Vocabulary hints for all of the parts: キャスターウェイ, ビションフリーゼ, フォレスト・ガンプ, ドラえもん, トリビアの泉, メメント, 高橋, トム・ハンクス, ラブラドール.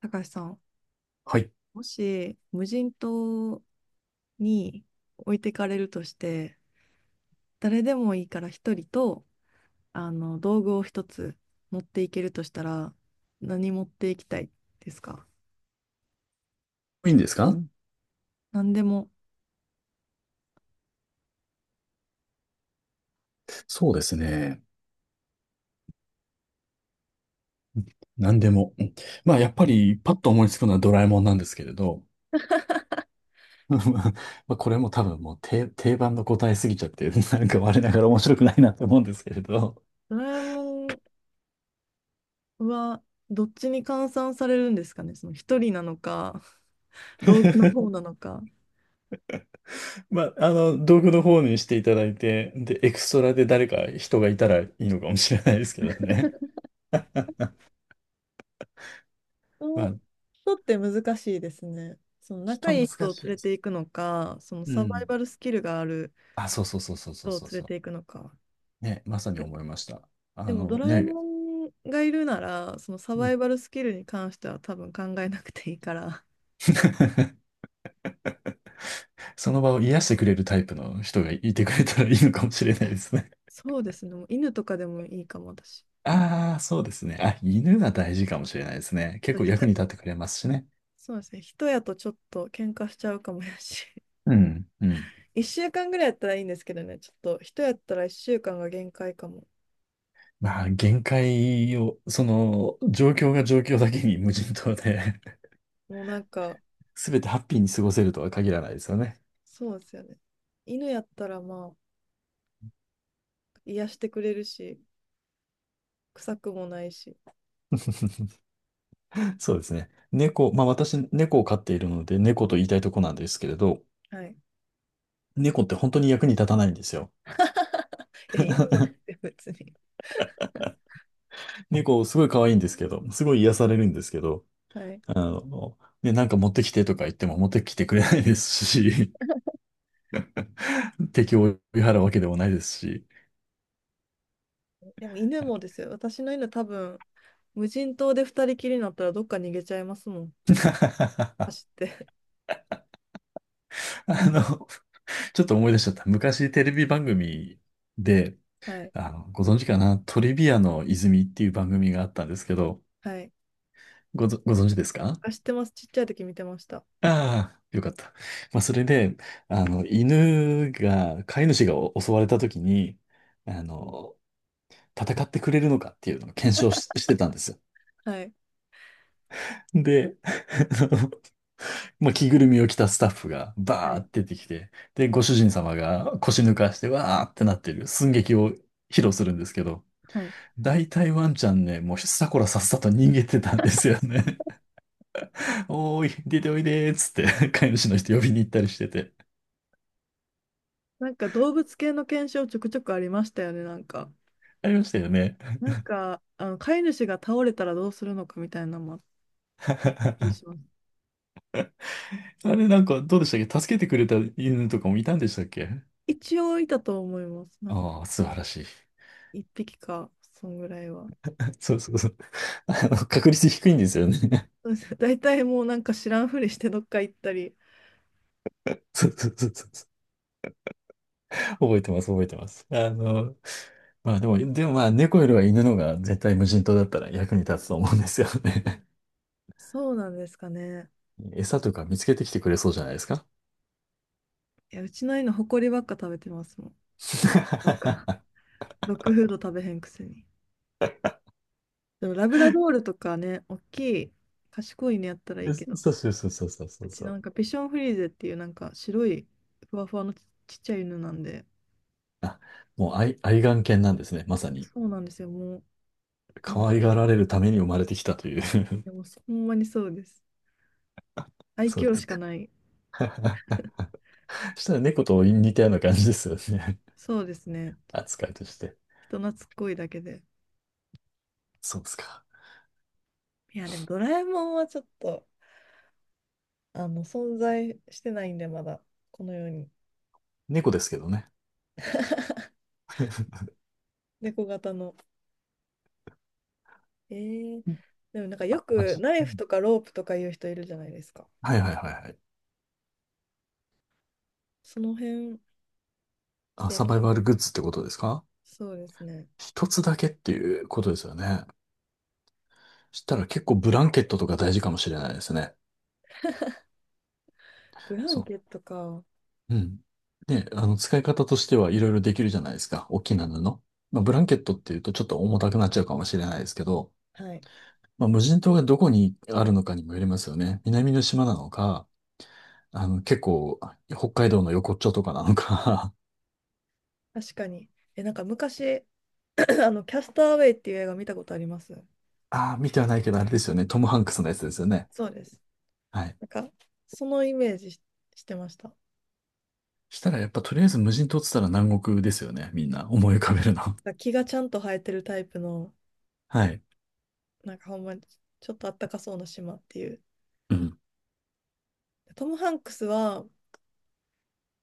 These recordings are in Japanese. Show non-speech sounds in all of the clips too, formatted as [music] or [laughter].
高橋さん、はい。もし無人島に置いてかれるとして、誰でもいいから一人と、道具を一つ持っていけるとしたら、何持っていきたいですか？いいんですうかん。何でも。そうですね。何でも。うん。まあ、やっぱり、パッと思いつくのはドラえもんなんですけれど、[laughs] まあ、これも多分もう定番の答えすぎちゃって、なんか我ながら面白くないなと思うんですけれど。ドラえもんはどっちに換算されるんですかね、その一人なのか、道具の方な [laughs] のか。まあ、道具の方にしていただいて、で、エクストラで誰か人がいたらいいのかもしれないですけどね。[laughs] ま人あ、人って難しいですね。その仲人い難い人をしい連れです。ていくのか、そのうサバイん。バルスキルがあるあ、そうそうそうそうそう人をそう連れそていくのか。う。ね、まさにで思いました。あでもドのラえね、もんがいるなら、そのサうバん。 イバルスキルに関しては多分考えなくていいから。[laughs] その場を癒してくれるタイプの人がいてくれたらいいのかもしれないですね。[laughs] そうですね、もう犬とかでもいいかも、私。ああ、そうですね。あ、犬が大事かもしれないですね。結あと構役に人、立ってくれますしね。そうですね、人やとちょっと喧嘩しちゃうかもやし。うん、う [laughs] ん。1週間ぐらいやったらいいんですけどね、ちょっと人やったら1週間が限界かも。まあ、限界を、その、状況が状況だけに無人島で、 もうなんか、[laughs] 全てハッピーに過ごせるとは限らないですよね。そうですよね。犬やったらまあ、癒してくれるし、臭くもないし。[laughs] そうですね。猫、まあ私、猫を飼っているので、猫と言いたいとこなんですけれど、はい。い猫って本当に役に立たないんですよ。や、犬もですよ、別に。猫、すごい可愛いんですけど、すごい癒されるんですけど、はい。なんか持ってきてとか言っても持ってきてくれないですし、[laughs] 敵を追い払うわけでもないですし、でも犬はい。 もですよ、私の犬多分、無人島で二人きりになったらどっか逃げちゃいますもん。[laughs] あ走って。の、ちょっと思い出しちゃった。昔テレビ番組で、[laughs] はい。あの、ご存知かな、トリビアの泉っていう番組があったんですけど、はい。ご存知ですか？知ってます。ちっちゃい時見てました。ああ、よかった。まあ、それで、あの、飼い主がお襲われた時に、あの、戦ってくれるのかっていうのを検証し、してたんですよ。はい。で、[laughs] まあ着ぐるみを着たスタッフがはバーい。って出てきて、で、ご主人様が腰抜かしてわーってなってる寸劇を披露するんですけど、はい。大体ワンちゃんね、もうさこらさっさと逃げてたんですよね。[laughs] おーい、出ておいでーっつって、飼い主の人呼びに行ったりしてて。なんか動物系の検証ちょくちょくありましたよね、なんか。ありましたよね。なんか、飼い主が倒れたらどうするのかみたいなのもあったりします。あれなんかどうでしたっけ？助けてくれた犬とかもいたんでしたっけ？一応いたと思います。なんかああー、素晴らしい。一匹か、そんぐらいは。[laughs] そうそうそう。あの、確率低いんですよね。[laughs] [laughs] そうです。大体もうなんか知らんふりしてどっか行ったり。そうそうそうそう。覚えてます、覚えてます。あの、でもまあ猫よりは犬のが絶対無人島だったら役に立つと思うんですよね。そうなんですかね。[laughs] 餌とか見つけてきてくれそうじゃないですか？ いや、うちの犬、ほこりばっか食べてますもん。[laughs] なんそか、ドッグフード食べへんくせに。でもラブラドールとかね、大きい、賢いねやったらいいうけど、そうそうそうそうそううちそなう。んかピションフリーゼっていうなんか白いふわふわのちっちゃい犬なんで、あ、もう愛玩犬なんですね。まさに。そうなんですよ、もう、なん可か、愛がられるために生まれてきたという。 でもほんまにそうです。[laughs] 愛そうで嬌すしかか。ない。[laughs] そしたら猫と似たような感じですよね。そうですね。[laughs] 扱いとして。人懐っこいだけで。そうですか。いや、でもドラえもんはちょっと、存在してないんで、まだ、この世に。猫ですけどね。[laughs] 猫型の。えー、うん、でもなんかよまあくじナイうフん、とかロープとかいう人いるじゃないですか。はいはいはいはい。その辺、いあ、や、サバイバルグッズってことですか？そうですね。一つだけっていうことですよね。したら結構ブランケットとか大事かもしれないですね。ブランそケットか。う。うん。で、あの、使い方としてはいろいろできるじゃないですか。大きな布。まあ、ブランケットっていうとちょっと重たくなっちゃうかもしれないですけど、はい。まあ、無人島がどこにあるのかにもよりますよね。南の島なのか、あの、結構、北海道の横っちょとかなのか。確かに。え、なんか昔、[clears throat] キャスターウェイっていう映画見たことあります [laughs] ああ、見てはないけど、あれですよね。トム・ハンクスのやつですよね。そうです。はい。なんか、そのイメージしてました。したらやっぱとりあえず無人島って言ったら南国ですよね。みんな思い浮かべるの。[laughs] なんか木がちゃんと生えてるタイプの、はい。なんかほんまにちょっとあったかそうな島っていう。うん。トム・ハンクスは、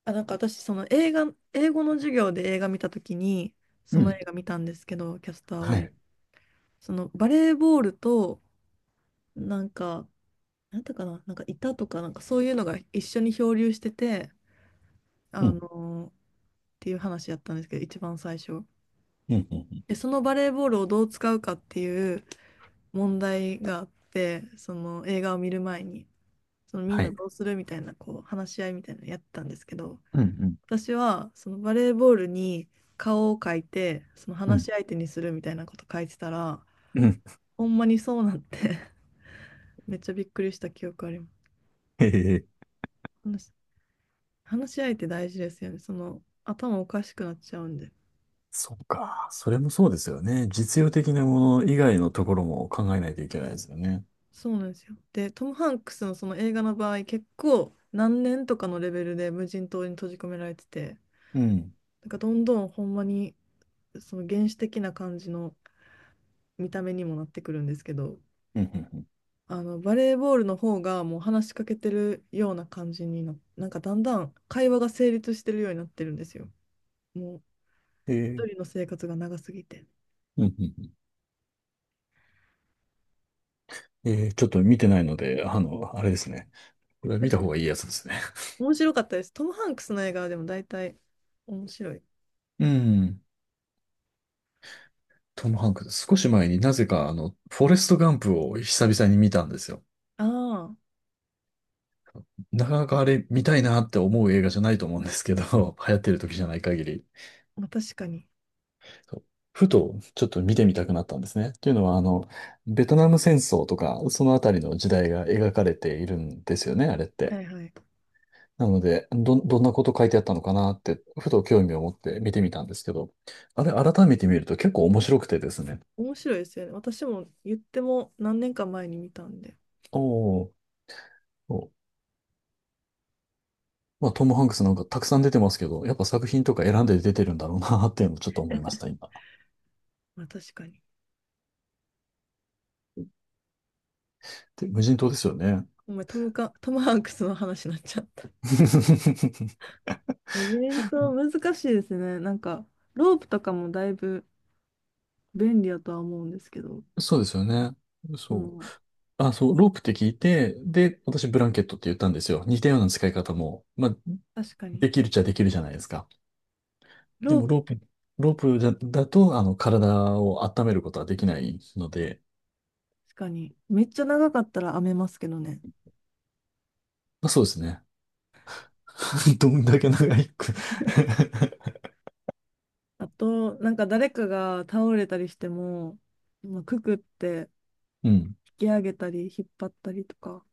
あ、なんか私、その映画、英語の授業で映画見たときに、そうのん。映画見たんですけど、キャスターウはェイ。い。そのバレーボールと、なんか、なんていうかな、なんかいたとか、なんかそういうのが一緒に漂流してて、うあのん。っていう話やったんですけど、一番最初。うん。うん。で、そのバレーボールをどう使うかっていう問題があって、その映画を見る前に、そのみんはない。どうするみたいな、こう話し合いみたいなのやってたんですけど、うん。私はそのバレーボールに顔を描いて、そのう話ん。し相手にするみたいなこと書いてたら、うん。ほんまにそうなって、 [laughs] めっちゃびっくりした記憶ありへえ。ます。話し合いって大事ですよね。その頭おかしくなっちゃうんで。そっか。それもそうですよね。実用的なもの以外のところも考えないといけないですよね。そうなんですよ。で、トム・ハンクスのその映画の場合、結構何年とかのレベルで無人島に閉じ込められてて、うん。なんかどんどんほんまにその原始的な感じの見た目にもなってくるんですけど、うん。うんうん。あのバレーボールの方がもう話しかけてるような感じになんかだんだん会話が成立してるようになってるんですよ。もうへ一え。人の生活が長すぎて。うん。うんうん。へえ。ちょっと見てないので、あの、あれですね。これは見た方がいいやつですね。面白かったです。トム・ハンクスの映画はでも大体面白い。うん。トム・ハンクス。少し前になぜか、あの、フォレスト・ガンプを久々に見たんですよ。ああ、なかなかあれ見たいなって思う映画じゃないと思うんですけど、[laughs] 流行ってる時じゃない限り。まあ、確かに。そう、ふとちょっと見てみたくなったんですね。というのは、あの、ベトナム戦争とか、そのあたりの時代が描かれているんですよね、あれって。はいはい。なので、どんなこと書いてあったのかなって、ふと興味を持って見てみたんですけど、あれ、改めて見ると結構面白くてですね。面白いですよね。私も言っても何年か前に見たんで。おー、おー、まあ、トム・ハンクスなんかたくさん出てますけど、やっぱ作品とか選んで出てるんだろうなっていうのをちょっと思いました、今。まあ確かに。で、無人島ですよね。お前、トムハンクスの話になっちゃった。[laughs] メメント難しいですね。なんか、ロープとかもだいぶ便利やとは思うんですけど、そうですよね。そそう。の、あ、そう、ロープって聞いて、で、私ブランケットって言ったんですよ。似たような使い方も、まあ、確かに。できるっちゃできるじゃないですか。でローもプ、ロープじゃだと、あの、体を温めることはできないので、確かに。めっちゃ長かったら編めますけどね。まあ、そうですね。[laughs] どんだけ長いく。 [laughs] あと、なんか誰かが倒れたりしても、まあくくってうん、引き上げたり引っ張ったりとか。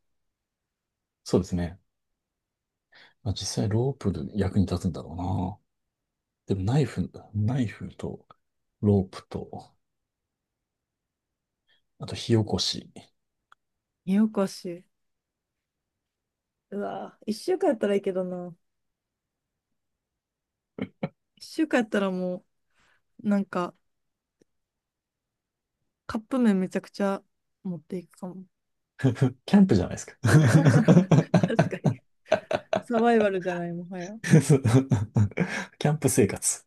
そうですね。まあ、実際ロープで役に立つんだろうな。でもナイフとロープと、あと火起こし。よこしい。うわ、一週間やったらいいけどな。一週間やったらもう、なんか、カップ麺めちゃくちゃ持っていくかも。キャンプじゃないですか。[laughs] [laughs] 確かに。サバイバルじゃない、もはや。そう、キャンプ生活。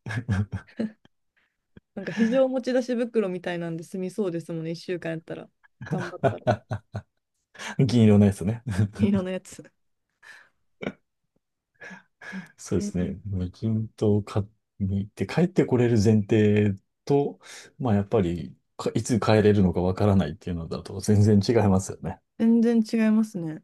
なんか非常持ち出し袋みたいなんで済みそうですもんね、一週間やったら。頑張ったら。銀色のやつね。色のやつ。[laughs] そううでんすうね。ん、無人島を買って帰ってこれる前提と、まあやっぱりかいつ帰れるのかわからないっていうのだと全然違いますよね。全然違いますね。